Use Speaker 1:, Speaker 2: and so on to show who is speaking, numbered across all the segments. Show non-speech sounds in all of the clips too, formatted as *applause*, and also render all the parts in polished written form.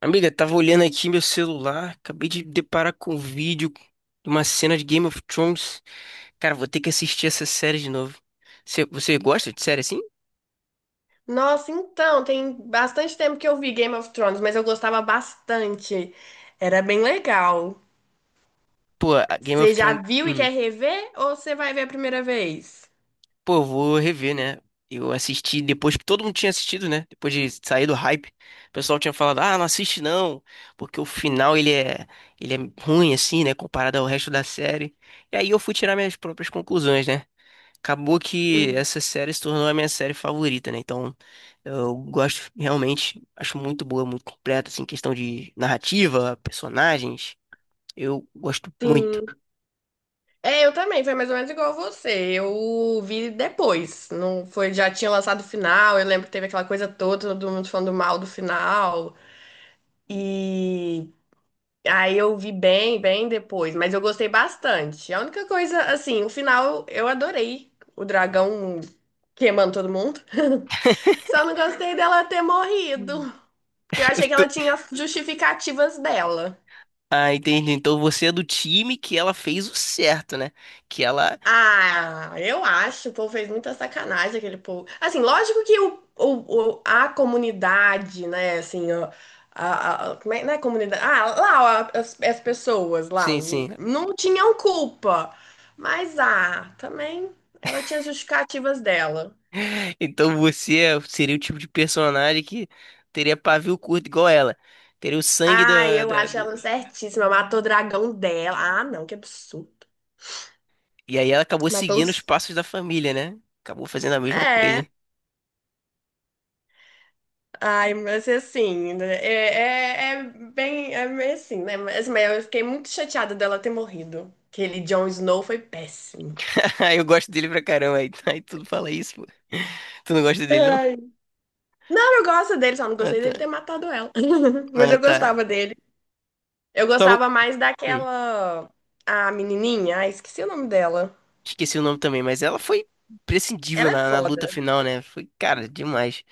Speaker 1: Amiga, tava olhando aqui meu celular, acabei de deparar com um vídeo de uma cena de Game of Thrones. Cara, vou ter que assistir essa série de novo. Você gosta de série assim?
Speaker 2: Nossa, então, tem bastante tempo que eu vi Game of Thrones, mas eu gostava bastante. Era bem legal.
Speaker 1: Pô, a Game of
Speaker 2: Você já
Speaker 1: Thrones.
Speaker 2: viu e quer rever ou você vai ver a primeira vez?
Speaker 1: Pô, eu vou rever, né? Eu assisti depois que todo mundo tinha assistido, né? Depois de sair do hype, o pessoal tinha falado: ah, não assiste não, porque o final ele é ruim assim, né? Comparado ao resto da série. E aí eu fui tirar minhas próprias conclusões, né? Acabou que
Speaker 2: Hum.
Speaker 1: essa série se tornou a minha série favorita, né? Então, eu gosto realmente, acho muito boa, muito completa, assim, questão de narrativa, personagens. Eu gosto muito.
Speaker 2: Sim. É, eu também, foi mais ou menos igual você. Eu vi depois, não foi, já tinha lançado o final, eu lembro que teve aquela coisa toda, todo mundo falando mal do final. E Aí eu vi bem depois, mas eu gostei bastante. A única coisa, assim, o final eu adorei. O dragão queimando todo mundo.
Speaker 1: *laughs*
Speaker 2: *laughs* Só não gostei dela ter
Speaker 1: Hum.
Speaker 2: morrido, porque eu
Speaker 1: Eu
Speaker 2: achei que
Speaker 1: tô-
Speaker 2: ela tinha as justificativas dela.
Speaker 1: Ah, entendi. Então você é do time que ela fez o certo, né? Que ela.
Speaker 2: Ah, eu acho, o povo fez muita sacanagem aquele povo. Assim, lógico que a comunidade, né, assim, ó, como é, não é comunidade, lá, ó, as pessoas lá,
Speaker 1: Sim, sim.
Speaker 2: não tinham culpa, mas, também, ela tinha justificativas dela.
Speaker 1: *laughs* Então você é- seria o tipo de personagem que teria pavio curto igual ela. Teria o sangue
Speaker 2: Ah, eu acho ela
Speaker 1: do...
Speaker 2: certíssima, matou o dragão dela, ah, não, que absurdo.
Speaker 1: E aí ela acabou
Speaker 2: Matou
Speaker 1: seguindo os
Speaker 2: os...
Speaker 1: passos da família, né? Acabou fazendo a mesma
Speaker 2: É.
Speaker 1: coisa.
Speaker 2: Ai, mas assim, né, é bem, é meio assim, né? Mas, assim, mas eu fiquei muito chateada dela ter morrido. Aquele Jon Snow foi péssimo.
Speaker 1: *laughs* Eu gosto dele pra caramba, aí tudo fala isso, pô. Tu não gosta dele, não?
Speaker 2: Ai. Não, eu gosto dele, só não
Speaker 1: Ah,
Speaker 2: gostei
Speaker 1: tá.
Speaker 2: dele ter matado ela. *laughs* Mas
Speaker 1: Ah,
Speaker 2: eu
Speaker 1: tá.
Speaker 2: gostava dele. Eu
Speaker 1: Só não...
Speaker 2: gostava mais
Speaker 1: Hum,
Speaker 2: daquela. A menininha, ai, esqueci o nome dela.
Speaker 1: esqueci o nome também, mas ela foi imprescindível
Speaker 2: Ela é
Speaker 1: na luta
Speaker 2: foda.
Speaker 1: final, né? Foi, cara, demais.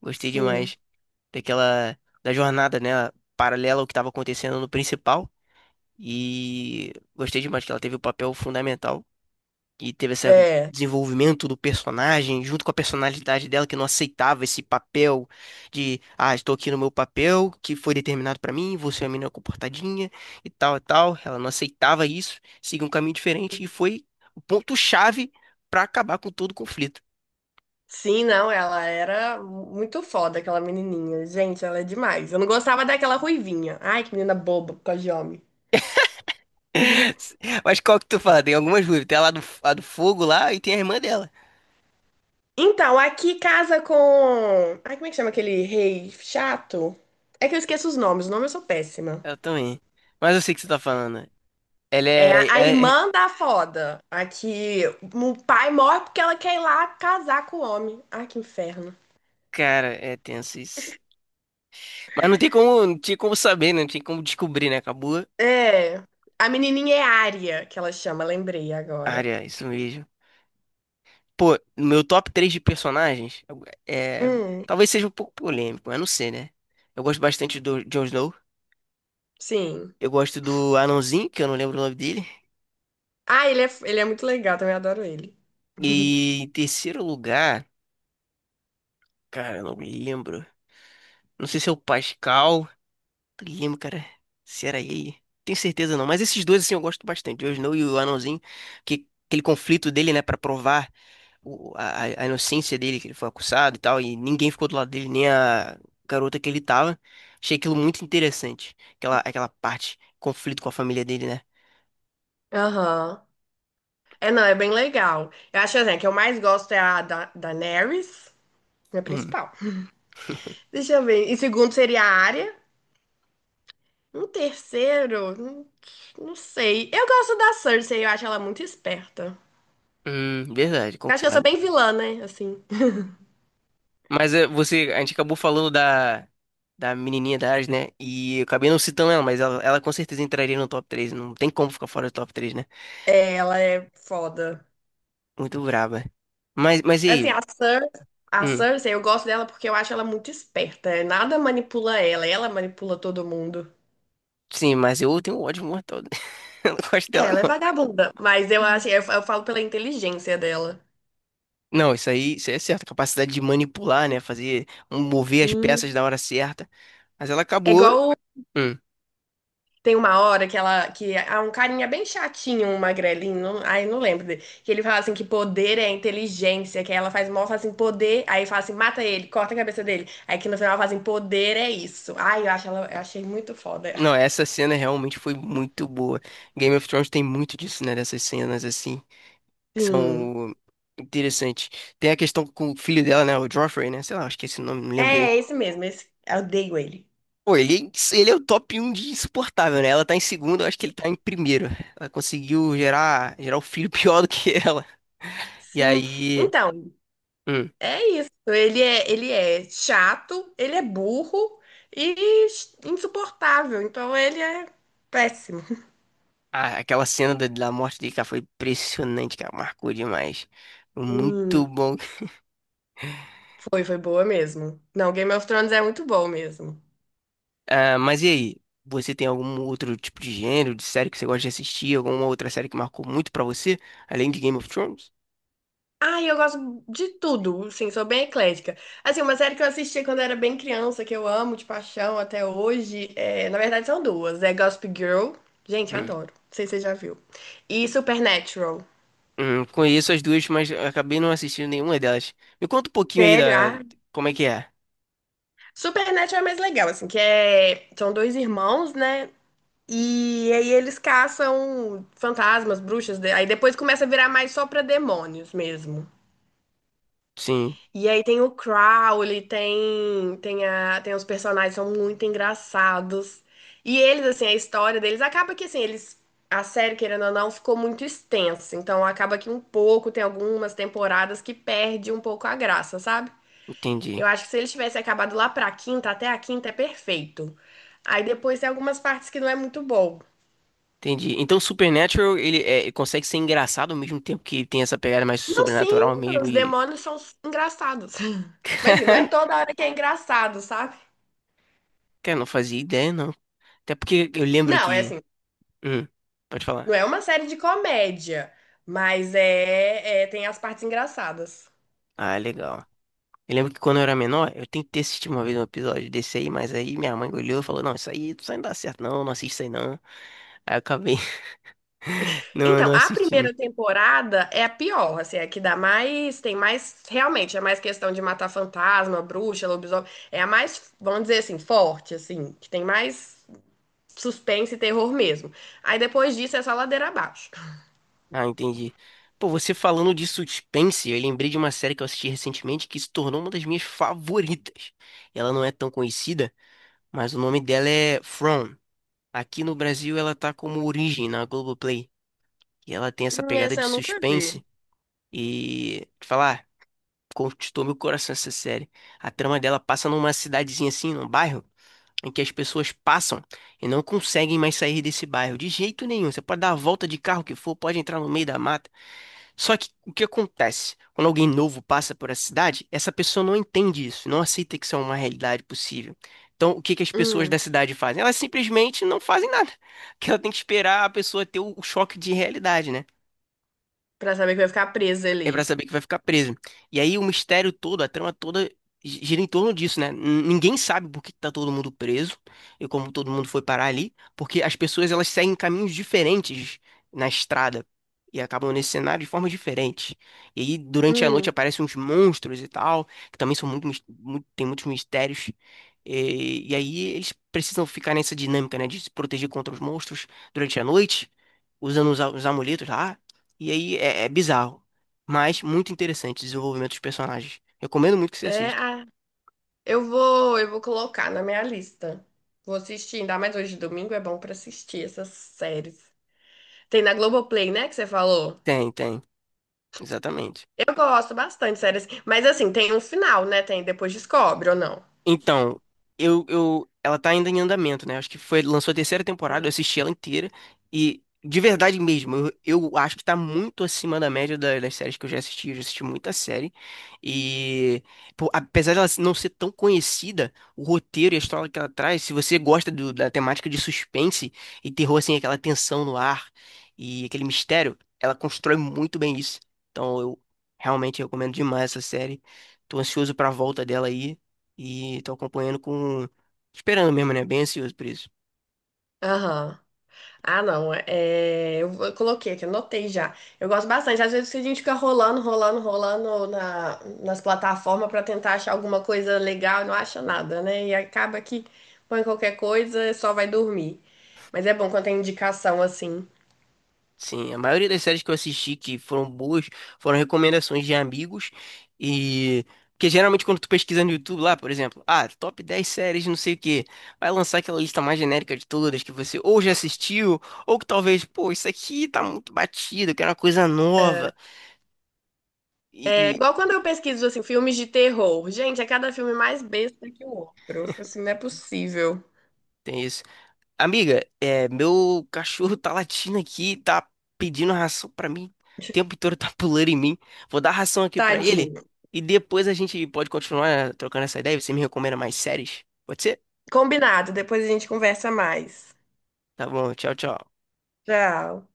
Speaker 1: Gostei
Speaker 2: Sim.
Speaker 1: demais daquela... da jornada, né? Paralela ao que tava acontecendo no principal. E gostei demais que ela teve o papel fundamental e teve esse
Speaker 2: É.
Speaker 1: desenvolvimento do personagem, junto com a personalidade dela, que não aceitava esse papel de, ah, estou aqui no meu papel, que foi determinado pra mim, você é uma menina comportadinha e tal e tal. Ela não aceitava isso, seguiu um caminho diferente e foi o ponto-chave pra acabar com todo o conflito.
Speaker 2: Sim, não, ela era muito foda, aquela menininha. Gente, ela é demais. Eu não gostava daquela ruivinha. Ai, que menina boba, por causa de homem.
Speaker 1: *laughs* Mas qual que tu fala? Tem algumas dúvidas. Tem a lá do, a do fogo lá e tem a irmã dela.
Speaker 2: Então, aqui casa com. Ai, como é que chama aquele rei chato? É que eu esqueço os nomes, o nome eu sou péssima.
Speaker 1: Ela também. Mas eu sei o que você tá falando. Ela
Speaker 2: É
Speaker 1: é,
Speaker 2: a
Speaker 1: é- é-
Speaker 2: irmã da foda. Aqui, o pai morre porque ela quer ir lá casar com o homem. Ai, que inferno.
Speaker 1: Cara, é tenso isso. Mas não tem como, não tinha como saber, né? Não tinha como descobrir, né? Acabou
Speaker 2: É. A menininha é Ária, que ela chama, lembrei
Speaker 1: a
Speaker 2: agora.
Speaker 1: área, isso mesmo. Pô, no meu top 3 de personagens, é,
Speaker 2: Hum,
Speaker 1: talvez seja um pouco polêmico, eu não sei, né? Eu gosto bastante do Jon Snow.
Speaker 2: sim.
Speaker 1: Eu gosto do Anãozinho, que eu não lembro o nome dele.
Speaker 2: Ele é muito legal, também adoro ele. *laughs*
Speaker 1: E em terceiro lugar, cara, eu não me lembro. Não sei se é o Pascal. Não lembro, cara. Se era ele. Tenho certeza não. Mas esses dois, assim, eu gosto bastante. O Jon Snow e o Anãozinho. Que, aquele conflito dele, né? Pra provar. A inocência dele, que ele foi acusado e tal, e ninguém ficou do lado dele, nem a garota que ele tava. Achei aquilo muito interessante. Aquela parte, conflito com a família dele, né?
Speaker 2: Aham. É, não, é bem legal. Eu acho assim, a que eu mais gosto é a da Daenerys, minha
Speaker 1: Hum,
Speaker 2: principal. Deixa eu ver. E segundo seria a área. Um terceiro, não sei. Eu gosto da Cersei, eu acho ela muito esperta.
Speaker 1: verdade,
Speaker 2: Eu acho que eu sou
Speaker 1: concordo.
Speaker 2: bem vilã, né? Assim.
Speaker 1: Mas é, você, a gente acabou falando da menininha da Ares, né? E eu acabei não citando ela, mas ela com certeza entraria no top três. Não tem como ficar fora do top três, né?
Speaker 2: É, ela é foda.
Speaker 1: Muito braba. Mas e
Speaker 2: Assim,
Speaker 1: aí?
Speaker 2: a
Speaker 1: Hum,
Speaker 2: Cersei, eu gosto dela porque eu acho ela muito esperta. É, nada manipula ela, ela manipula todo mundo.
Speaker 1: sim, mas eu tenho um ódio mortal. *laughs* Eu não gosto
Speaker 2: É,
Speaker 1: dela,
Speaker 2: ela é vagabunda, mas
Speaker 1: não.
Speaker 2: eu falo pela inteligência dela.
Speaker 1: Não, isso aí é certo. A capacidade de manipular, né? Fazer, mover as peças
Speaker 2: Sim.
Speaker 1: na hora certa. Mas ela
Speaker 2: É
Speaker 1: acabou.
Speaker 2: igual.
Speaker 1: Hum.
Speaker 2: Tem uma hora que ela, que há um carinha bem chatinho, um magrelinho, ai, não lembro dele, que ele fala assim que poder é inteligência, que aí ela faz mal, fala assim, poder, aí fala assim, mata ele, corta a cabeça dele. Aí que no final ela fala assim, poder é isso. Ai, eu achei muito foda
Speaker 1: Não,
Speaker 2: ela.
Speaker 1: essa cena realmente foi muito boa. Game of Thrones tem muito disso, né? Dessas cenas assim, que
Speaker 2: Sim.
Speaker 1: são interessantes. Tem a questão com o filho dela, né? O Joffrey, né? Sei lá, acho que esse nome, não lembro direito.
Speaker 2: É, esse mesmo, esse, eu odeio ele.
Speaker 1: Pô, ele é o top um de insuportável, né? Ela tá em segundo, eu acho que ele tá em primeiro. Ela conseguiu gerar o filho *laughs* pior do que ela. E
Speaker 2: Sim.
Speaker 1: aí.
Speaker 2: Então,
Speaker 1: Hum.
Speaker 2: é isso. Ele é chato, ele é burro e insuportável. Então ele é péssimo.
Speaker 1: Ah, aquela cena da morte dele, cara, foi impressionante, cara. Marcou demais. Muito
Speaker 2: Sim.
Speaker 1: bom.
Speaker 2: Foi, foi boa mesmo. Não, Game of Thrones é muito bom mesmo.
Speaker 1: Ah, mas e aí? Você tem algum outro tipo de gênero, de série que você gosta de assistir? Alguma outra série que marcou muito pra você, além de Game of Thrones?
Speaker 2: Ai, eu gosto de tudo, sim, sou bem eclética. Assim, uma série que eu assisti quando era bem criança, que eu amo de paixão até hoje, é, na verdade são duas, é Gossip Girl, gente,
Speaker 1: Hum.
Speaker 2: adoro, não sei se você já viu, e Supernatural.
Speaker 1: Conheço as duas, mas acabei não assistindo nenhuma delas. Me conta um pouquinho aí
Speaker 2: Sério?
Speaker 1: da...
Speaker 2: Ah,
Speaker 1: Como é que é?
Speaker 2: Supernatural é mais legal, assim, que é... São dois irmãos, né? E aí eles caçam fantasmas, bruxas, aí depois começa a virar mais só pra demônios mesmo.
Speaker 1: Sim,
Speaker 2: E aí tem o Crowley, tem os personagens, são muito engraçados. E eles, assim, a história deles acaba que, assim, eles. A série, querendo ou não, ficou muito extensa. Então acaba que um pouco, tem algumas temporadas que perde um pouco a graça, sabe? Eu
Speaker 1: entendi.
Speaker 2: acho que se eles tivessem acabado lá pra quinta, até a quinta é perfeito. Aí depois tem algumas partes que não é muito bom.
Speaker 1: Entendi. Então, Supernatural, ele é, ele consegue ser engraçado ao mesmo tempo que tem essa pegada mais
Speaker 2: Não, sim,
Speaker 1: sobrenatural mesmo
Speaker 2: os
Speaker 1: e...
Speaker 2: demônios são engraçados. *laughs* Mas assim, não é
Speaker 1: *laughs*
Speaker 2: toda hora que é engraçado, sabe?
Speaker 1: Cara, eu não fazia ideia, não. Até porque eu lembro
Speaker 2: Não, é
Speaker 1: que...
Speaker 2: assim,
Speaker 1: Hum, pode
Speaker 2: não
Speaker 1: falar.
Speaker 2: é uma série de comédia, mas tem as partes engraçadas.
Speaker 1: Ah, legal. Eu lembro que quando eu era menor, eu tentei assistir uma vez um episódio desse aí, mas aí minha mãe olhou e falou, não, isso aí não dá certo não, não assiste isso aí não. Aí eu acabei *laughs* não,
Speaker 2: Então,
Speaker 1: não
Speaker 2: a
Speaker 1: assistindo.
Speaker 2: primeira temporada é a pior, assim, é que dá mais, tem mais, realmente, é mais questão de matar fantasma, bruxa, lobisomem, é a mais, vamos dizer assim, forte, assim, que tem mais suspense e terror mesmo. Aí depois disso é só ladeira abaixo.
Speaker 1: Ah, entendi. Pô, você falando de suspense, eu lembrei de uma série que eu assisti recentemente que se tornou uma das minhas favoritas. Ela não é tão conhecida, mas o nome dela é From. Aqui no Brasil ela tá como Origem na Globoplay. E ela tem essa pegada
Speaker 2: Essa
Speaker 1: de
Speaker 2: eu nunca vi.
Speaker 1: suspense e te falar, conquistou meu coração essa série. A trama dela passa numa cidadezinha assim, num bairro, em que as pessoas passam e não conseguem mais sair desse bairro de jeito nenhum. Você pode dar a volta de carro que for, pode entrar no meio da mata. Só que o que acontece? Quando alguém novo passa por essa cidade, essa pessoa não entende isso, não aceita que isso é uma realidade possível. Então, o que que as pessoas
Speaker 2: Hum,
Speaker 1: da cidade fazem? Elas simplesmente não fazem nada, *laughs* que ela tem que esperar a pessoa ter o choque de realidade, né?
Speaker 2: pra saber que eu ia ficar presa
Speaker 1: É pra
Speaker 2: ali.
Speaker 1: saber que vai ficar preso. E aí o mistério todo, a trama toda gira em torno disso, né? Ninguém sabe por que que tá todo mundo preso e como todo mundo foi parar ali, porque as pessoas elas seguem caminhos diferentes na estrada e acabam nesse cenário de formas diferentes. E aí durante a noite
Speaker 2: Hum,
Speaker 1: aparecem uns monstros e tal, que também são muito, muito tem muitos mistérios. E aí eles precisam ficar nessa dinâmica, né, de se proteger contra os monstros durante a noite, usando os amuletos lá. E aí é bizarro. Mas muito interessante o desenvolvimento dos personagens. Recomendo muito que você
Speaker 2: é,
Speaker 1: assista.
Speaker 2: ah, eu vou colocar na minha lista. Vou assistir, ainda mais hoje domingo é bom pra assistir essas séries. Tem na Globoplay, né, que você falou?
Speaker 1: Tem, tem. Exatamente.
Speaker 2: Eu gosto bastante de séries, mas assim, tem um final, né? Tem depois descobre ou não?
Speaker 1: Então, ela tá ainda em andamento, né? Acho que foi, lançou a terceira temporada, eu assisti ela inteira e de verdade mesmo, eu acho que tá muito acima da média das séries que eu já assisti muita série e pô, apesar dela não ser tão conhecida, o roteiro e a história que ela traz, se você gosta da temática de suspense e terror assim, aquela tensão no ar e aquele mistério, ela constrói muito bem isso. Então, eu realmente recomendo demais essa série. Tô ansioso pra volta dela aí. E tô acompanhando com. Esperando mesmo, né? Bem ansioso por isso.
Speaker 2: Aham. Ah, não, é, é, eu vou- eu coloquei aqui, anotei já. Eu gosto bastante. Às vezes a gente fica rolando na, nas plataformas pra tentar achar alguma coisa legal e não acha nada, né? E acaba que põe qualquer coisa e só vai dormir. Mas é bom quando tem indicação assim.
Speaker 1: Sim, a maioria das séries que eu assisti que foram boas foram recomendações de amigos. E. Porque geralmente quando tu pesquisa no YouTube lá, por exemplo, ah, top 10 séries, não sei o quê, vai lançar aquela lista mais genérica de todas que você ou já assistiu, ou que talvez, pô, isso aqui tá muito batido, eu quero uma coisa nova. E,
Speaker 2: É igual
Speaker 1: e
Speaker 2: quando eu pesquiso assim, filmes de terror. Gente, é cada filme mais besta que o outro. Eu falo assim, não é possível.
Speaker 1: tem isso. Amiga, é, meu cachorro tá latindo aqui, tá pedindo ração pra mim. O tempo todo tá *laughs* pulando em mim. Vou dar ração aqui pra ele
Speaker 2: Tadinho.
Speaker 1: e depois a gente pode continuar trocando essa ideia. Você me recomenda mais séries? Pode ser?
Speaker 2: Combinado, depois a gente conversa mais.
Speaker 1: Tá bom, tchau, tchau.
Speaker 2: Tchau.